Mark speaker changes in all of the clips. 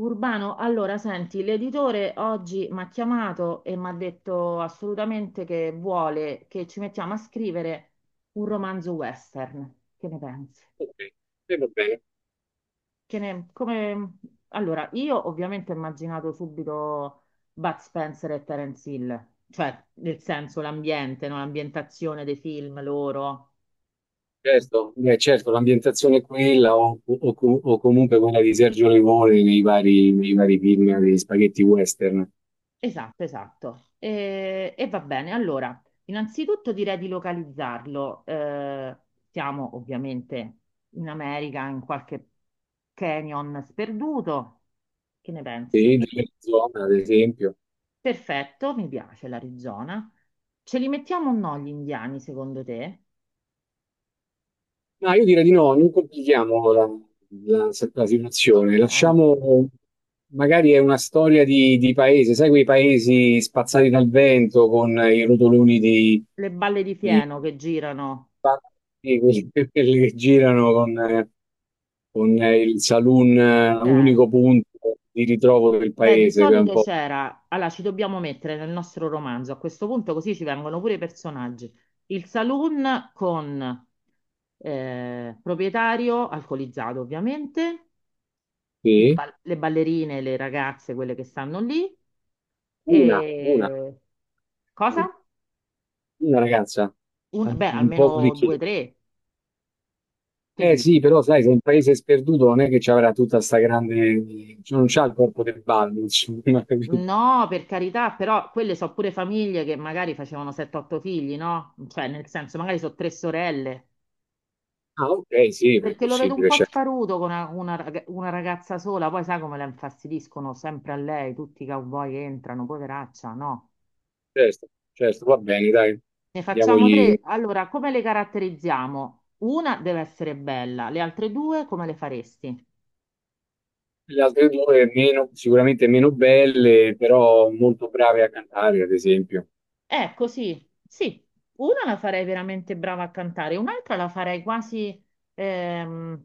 Speaker 1: Urbano, allora senti, l'editore oggi mi ha chiamato e mi ha detto assolutamente che vuole che ci mettiamo a scrivere un romanzo western. Che ne pensi?
Speaker 2: Ok, e va bene,
Speaker 1: Che ne- come- Allora, io ovviamente ho immaginato subito Bud Spencer e Terence Hill, cioè nel senso l'ambiente, no? L'ambientazione dei film loro.
Speaker 2: certo, beh, certo, l'ambientazione è quella o comunque quella di Sergio Leone nei vari film di spaghetti western,
Speaker 1: Esatto, esatto. E va bene, allora, innanzitutto direi di localizzarlo. Siamo ovviamente in America, in qualche canyon sperduto. Che ne
Speaker 2: sì,
Speaker 1: pensi?
Speaker 2: della zona, ad esempio.
Speaker 1: Perfetto, mi piace l'Arizona. Ce li mettiamo o no gli indiani, secondo te?
Speaker 2: Ma io direi di no, non complichiamo la- la situazione,
Speaker 1: Ok,
Speaker 2: lasciamo, magari è una storia di paese, sai quei paesi spazzati dal vento con i rotoloni
Speaker 1: le balle di
Speaker 2: di,
Speaker 1: fieno che girano.
Speaker 2: sì, quelli, quelli che girano con, il saloon,
Speaker 1: Ok.
Speaker 2: unico punto di ritrovo del
Speaker 1: Beh, di
Speaker 2: paese, che è un
Speaker 1: solito
Speaker 2: po'
Speaker 1: c'era, allora ci dobbiamo mettere nel nostro romanzo, a questo punto così ci vengono pure i personaggi, il saloon con proprietario alcolizzato ovviamente,
Speaker 2: sì.
Speaker 1: le ballerine, le ragazze, quelle che stanno lì,
Speaker 2: Una, una,
Speaker 1: e cosa?
Speaker 2: sì. Una ragazza,
Speaker 1: Beh,
Speaker 2: un po'
Speaker 1: almeno due,
Speaker 2: vecchia.
Speaker 1: o tre, che
Speaker 2: Eh sì,
Speaker 1: dici?
Speaker 2: però sai, se un paese sperduto non è che ci avrà tutta sta grande, cioè, non c'ha il corpo del ballo, insomma, capito?
Speaker 1: No, per carità, però quelle sono pure famiglie che magari facevano 7-8 figli, no? Cioè, nel senso, magari sono 3 sorelle.
Speaker 2: Ah, ok, sì, è
Speaker 1: Perché lo vedo un
Speaker 2: possibile,
Speaker 1: po'
Speaker 2: certo,
Speaker 1: sparuto con una ragazza sola, poi sai come la infastidiscono sempre a lei, tutti i cowboy entrano, poveraccia, no.
Speaker 2: certo, certo, va bene, dai,
Speaker 1: Ne facciamo
Speaker 2: diamogli.
Speaker 1: tre. Allora, come le caratterizziamo? Una deve essere bella, le altre due come le faresti?
Speaker 2: Le altre due meno, sicuramente meno belle, però molto brave a cantare, ad esempio.
Speaker 1: Ecco, sì, sì, una la farei veramente brava a cantare, un'altra la farei quasi, ehm,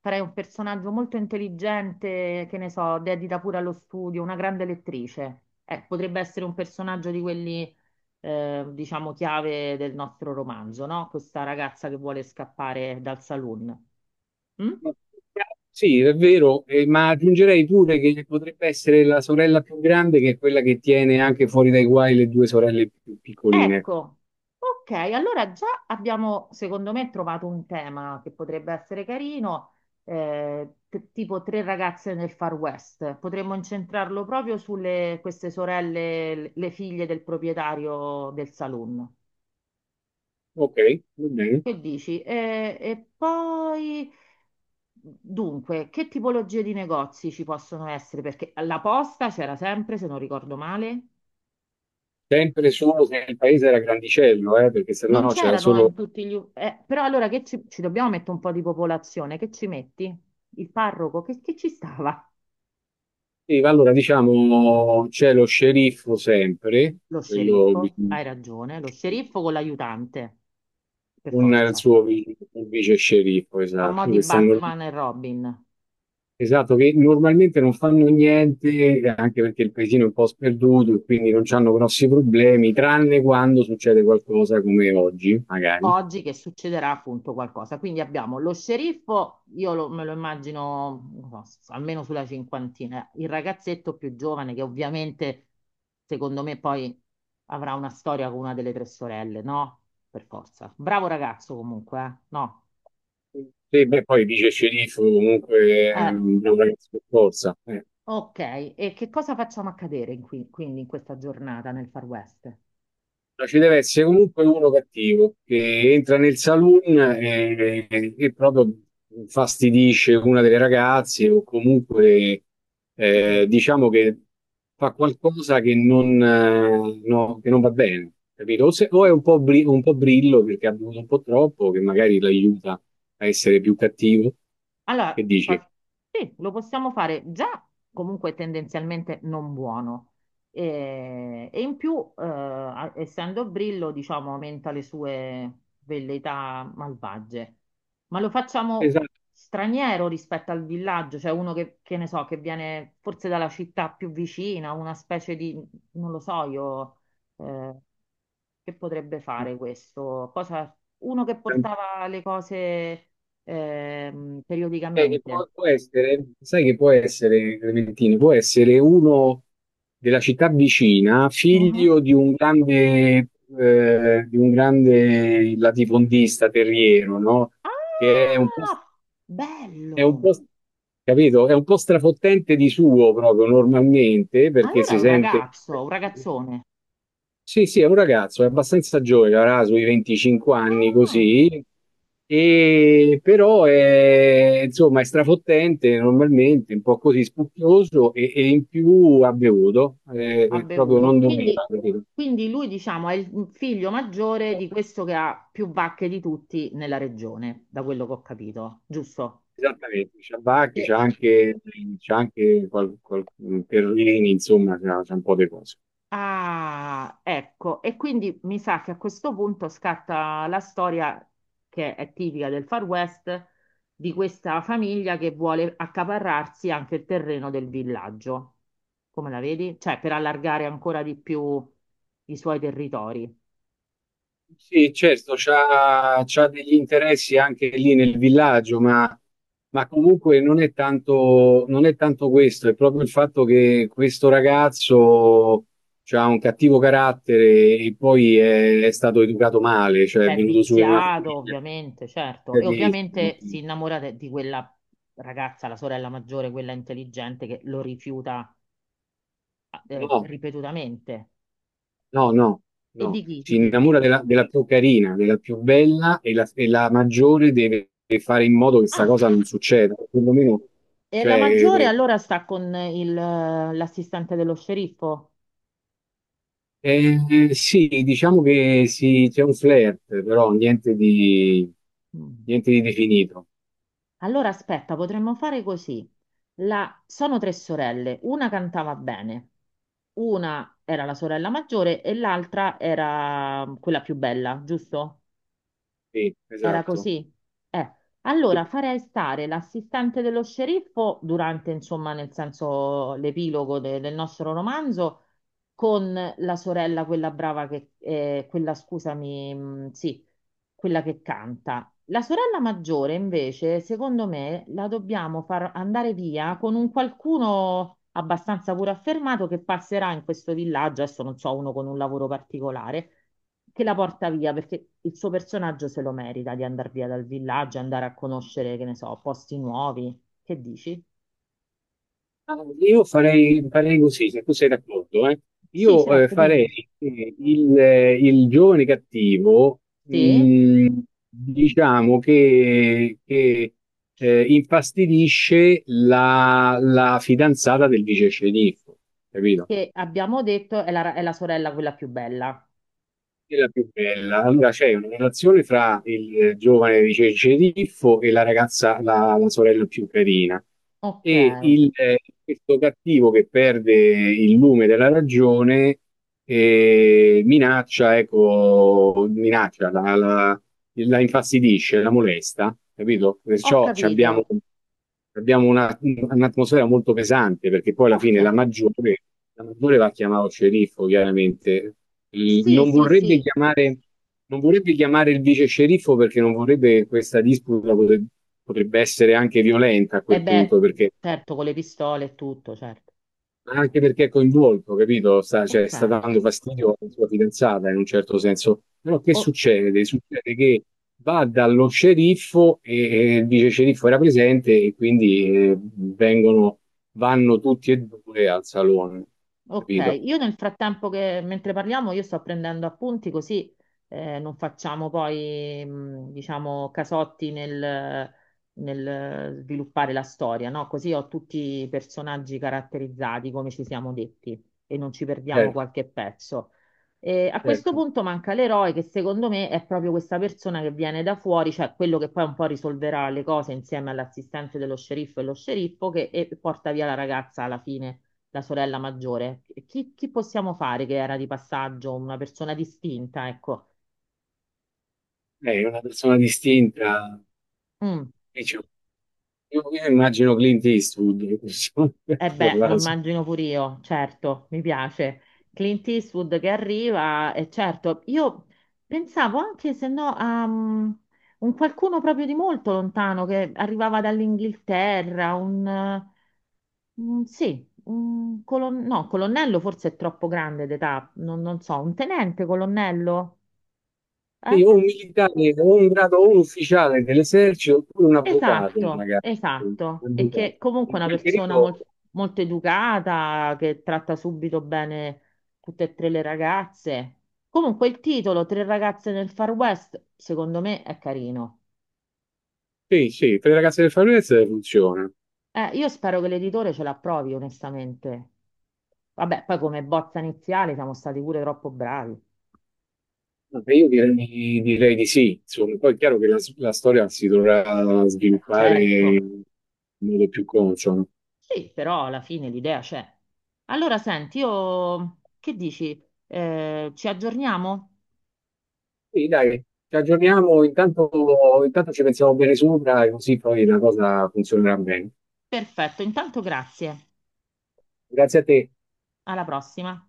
Speaker 1: farei un personaggio molto intelligente, che ne so, dedita pure allo studio, una grande lettrice. Potrebbe essere un personaggio di quelli, diciamo, chiave del nostro romanzo, no? Questa ragazza che vuole scappare dal saloon. Mm?
Speaker 2: Ma- Sì, è vero, ma aggiungerei pure che potrebbe essere la sorella più grande, che è quella che tiene anche fuori dai guai le due sorelle più piccoline.
Speaker 1: Ecco, ok, allora già abbiamo, secondo me, trovato un tema che potrebbe essere carino, tipo tre ragazze nel Far West. Potremmo incentrarlo proprio sulle queste sorelle, le figlie del proprietario del saloon.
Speaker 2: Ok, va bene.
Speaker 1: Che dici? E poi, dunque, che tipologie di negozi ci possono essere? Perché la posta c'era sempre, se non ricordo male.
Speaker 2: Sempre solo se il paese era grandicello, perché
Speaker 1: Non
Speaker 2: sennò c'era
Speaker 1: c'erano
Speaker 2: solo.
Speaker 1: in tutti gli... u- eh, però allora che ci dobbiamo mettere un po' di popolazione, che ci metti? Il parroco, che ci stava?
Speaker 2: Sì, ma allora diciamo c'è lo sceriffo sempre,
Speaker 1: Lo
Speaker 2: quello
Speaker 1: sceriffo,
Speaker 2: bisogna-
Speaker 1: hai ragione, lo sceriffo con l'aiutante, per
Speaker 2: con il
Speaker 1: forza.
Speaker 2: suo vi- il vice sceriffo,
Speaker 1: A mo'
Speaker 2: esatto,
Speaker 1: di
Speaker 2: che stanno.
Speaker 1: Batman e Robin.
Speaker 2: Esatto, che normalmente non fanno niente, anche perché il paesino è un po' sperduto e quindi non hanno grossi problemi, tranne quando succede qualcosa come oggi, magari.
Speaker 1: Oggi che succederà appunto qualcosa. Quindi abbiamo lo sceriffo, me lo immagino non so, almeno sulla cinquantina, il ragazzetto più giovane che ovviamente secondo me poi avrà una storia con una delle tre sorelle, no? Per forza. Bravo ragazzo comunque, eh? No.
Speaker 2: Sì, beh, poi dice sceriffo, comunque è
Speaker 1: Eh,
Speaker 2: una ragazza scorsa, eh.
Speaker 1: ok, e che cosa facciamo accadere quindi in questa giornata nel Far West?
Speaker 2: No, ci deve essere comunque uno cattivo che entra nel saloon e proprio fastidisce una delle ragazze o comunque
Speaker 1: Mm.
Speaker 2: diciamo che fa qualcosa che non, che non va bene, capito? O, se- o è un po' brillo perché ha bevuto un po' troppo, che magari l'aiuta a essere più cattivo. Che
Speaker 1: Allora,
Speaker 2: dici?
Speaker 1: fa- sì, lo possiamo fare già comunque tendenzialmente non buono. E in più, essendo brillo, diciamo, aumenta le sue velleità malvagie. Ma lo facciamo straniero rispetto al villaggio, cioè uno che ne so, che viene forse dalla città più vicina, una specie di, non lo so, io, eh, che potrebbe
Speaker 2: Esatto.
Speaker 1: fare questo? Cosa, uno che portava le cose
Speaker 2: Sai che
Speaker 1: periodicamente.
Speaker 2: può essere, sai che può essere, Clementino, può essere uno della città vicina,
Speaker 1: Mhm.
Speaker 2: figlio di un grande latifondista terriero, no? Che
Speaker 1: Ah,
Speaker 2: è un po',
Speaker 1: bello!
Speaker 2: capito? È un po' strafottente di suo proprio normalmente, perché
Speaker 1: Allora è
Speaker 2: si
Speaker 1: un
Speaker 2: sente.
Speaker 1: ragazzo, un ragazzone.
Speaker 2: Sì, sì, è un ragazzo, è abbastanza giovane, avrà sui 25 anni
Speaker 1: Ah,
Speaker 2: così, e però è, insomma, è strafottente normalmente, un po' così spocchioso e in più ha bevuto,
Speaker 1: ha
Speaker 2: proprio
Speaker 1: bevuto.
Speaker 2: non doveva,
Speaker 1: Quindi,
Speaker 2: capito?
Speaker 1: quindi lui, diciamo, è il figlio maggiore di questo che ha più vacche di tutti nella regione, da quello che ho capito, giusto?
Speaker 2: Esattamente, c'ha Bacchi,
Speaker 1: Sì.
Speaker 2: c'ha anche Perlini, insomma, c'ha un po' di cose.
Speaker 1: Ah, ecco, e quindi mi sa che a questo punto scatta la storia che è tipica del Far West di questa famiglia che vuole accaparrarsi anche il terreno del villaggio. Come la vedi? Cioè, per allargare ancora di più i suoi territori.
Speaker 2: Sì, certo, c'ha degli interessi anche lì nel villaggio, ma comunque non è tanto questo, è proprio il fatto che questo ragazzo ha un cattivo carattere e poi è stato educato male, cioè è
Speaker 1: Beh,
Speaker 2: venuto su in una
Speaker 1: viziato,
Speaker 2: famiglia
Speaker 1: ovviamente, certo. E
Speaker 2: catechismo.
Speaker 1: ovviamente si innamora di quella ragazza, la sorella maggiore, quella intelligente, che lo rifiuta
Speaker 2: No,
Speaker 1: ripetutamente.
Speaker 2: no, no,
Speaker 1: E di
Speaker 2: no.
Speaker 1: chi?
Speaker 2: Si
Speaker 1: Di chi?
Speaker 2: innamora della più carina, della più bella e la maggiore deve fare in modo che questa
Speaker 1: Ah,
Speaker 2: cosa non succeda. Perlomeno,
Speaker 1: e
Speaker 2: cioè,
Speaker 1: la maggiore
Speaker 2: eh,
Speaker 1: allora sta con l'assistente dello sceriffo.
Speaker 2: Eh, sì, diciamo che sì, c'è un flirt, però
Speaker 1: Mm.
Speaker 2: niente di definito.
Speaker 1: Allora aspetta, potremmo fare così. Sono tre sorelle, una cantava bene, una era la sorella maggiore e l'altra era mm, quella più bella, giusto?
Speaker 2: Sì,
Speaker 1: Era
Speaker 2: esatto.
Speaker 1: così. Eh, allora
Speaker 2: Sì.
Speaker 1: farei stare l'assistente dello sceriffo durante, insomma, nel senso l'epilogo del nostro romanzo con la sorella, quella brava che, quella, scusami, sì, quella che canta. La sorella maggiore, invece, secondo me, la dobbiamo far andare via con un qualcuno abbastanza pure affermato che passerà in questo villaggio, adesso non so, uno con un lavoro particolare, che la porta via perché il suo personaggio se lo merita di andare via dal villaggio, andare a conoscere, che ne so, posti nuovi. Che dici?
Speaker 2: Ah, io farei, farei così, se tu sei d'accordo, eh.
Speaker 1: Sì,
Speaker 2: Io
Speaker 1: certo,
Speaker 2: farei
Speaker 1: dimmi.
Speaker 2: che il giovane cattivo,
Speaker 1: Sì,
Speaker 2: diciamo che infastidisce la fidanzata del vice sceriffo, capito?
Speaker 1: che abbiamo detto è è la sorella quella più bella.
Speaker 2: È la più bella. Allora c'è una relazione tra il giovane di Cerceriffo e la ragazza, la sorella più carina.
Speaker 1: Ok,
Speaker 2: E questo cattivo che perde il lume della ragione eh, minaccia la infastidisce, la molesta, capito?
Speaker 1: ho
Speaker 2: Perciò ci
Speaker 1: capito.
Speaker 2: abbiamo. Un'atmosfera molto pesante perché poi alla
Speaker 1: Ok,
Speaker 2: fine la maggiore va chiamato sceriffo, chiaramente. Il-
Speaker 1: sì,
Speaker 2: non
Speaker 1: sì,
Speaker 2: vorrebbe
Speaker 1: sì.
Speaker 2: chiamare, Non vorrebbe chiamare il vice sceriffo perché non vorrebbe che potrebbe essere anche violenta a
Speaker 1: E
Speaker 2: quel
Speaker 1: beh,
Speaker 2: punto perché
Speaker 1: certo, con le pistole e tutto, certo.
Speaker 2: anche perché è coinvolto, capito? Sta, cioè,
Speaker 1: Ok.
Speaker 2: sta dando fastidio alla sua fidanzata in un certo senso. Però che
Speaker 1: O-
Speaker 2: succede? Succede che va dallo sceriffo e il vice sceriffo era presente e quindi vanno tutti e due al salone,
Speaker 1: Ok,
Speaker 2: capito?
Speaker 1: io nel frattempo che mentre parliamo io sto prendendo appunti così non facciamo poi diciamo casotti nel sviluppare la storia, no? Così ho tutti i personaggi caratterizzati come ci siamo detti e non ci perdiamo
Speaker 2: Certo,
Speaker 1: qualche pezzo. E a questo
Speaker 2: certo.
Speaker 1: punto manca l'eroe che secondo me è proprio questa persona che viene da fuori, cioè quello che poi un po' risolverà le cose insieme all'assistente dello sceriffo e lo sceriffo che porta via la ragazza alla fine la sorella maggiore. Chi possiamo fare che era di passaggio, una persona distinta, ecco.
Speaker 2: È una persona distinta.
Speaker 1: Mm.
Speaker 2: Dice, io immagino Clint Eastwood, in questo
Speaker 1: Eh beh, lo
Speaker 2: caso.
Speaker 1: immagino pure io, certo, mi piace. Clint Eastwood che arriva, e certo, io pensavo anche se no a mm, un qualcuno proprio di molto lontano che arrivava dall'Inghilterra, sì, no, colonnello forse è troppo grande d'età, non so, un tenente colonnello? Eh?
Speaker 2: Sì, o un militare, o un grado, o un ufficiale dell'esercito, oppure un avvocato,
Speaker 1: Esatto,
Speaker 2: magari. Un
Speaker 1: esatto. E
Speaker 2: avvocato.
Speaker 1: che comunque è
Speaker 2: In
Speaker 1: una
Speaker 2: quel
Speaker 1: persona
Speaker 2: periodo,
Speaker 1: molto educata, che tratta subito bene tutte e tre le ragazze. Comunque il titolo, Tre ragazze nel Far West, secondo me è carino.
Speaker 2: sì, sì, per le ragazze del Far funziona.
Speaker 1: Io spero che l'editore ce l'approvi, onestamente. Vabbè, poi come bozza iniziale siamo stati pure troppo bravi.
Speaker 2: Vabbè, io direi, direi di sì, insomma, poi è chiaro che la storia si dovrà sviluppare
Speaker 1: Certo.
Speaker 2: in modo più consono.
Speaker 1: Sì, però alla fine l'idea c'è. Allora, senti, io che dici? Ci aggiorniamo?
Speaker 2: Quindi dai, ci aggiorniamo, intanto ci pensiamo bene sopra, e così poi la cosa funzionerà bene.
Speaker 1: Perfetto, intanto grazie.
Speaker 2: Grazie a te.
Speaker 1: Alla prossima.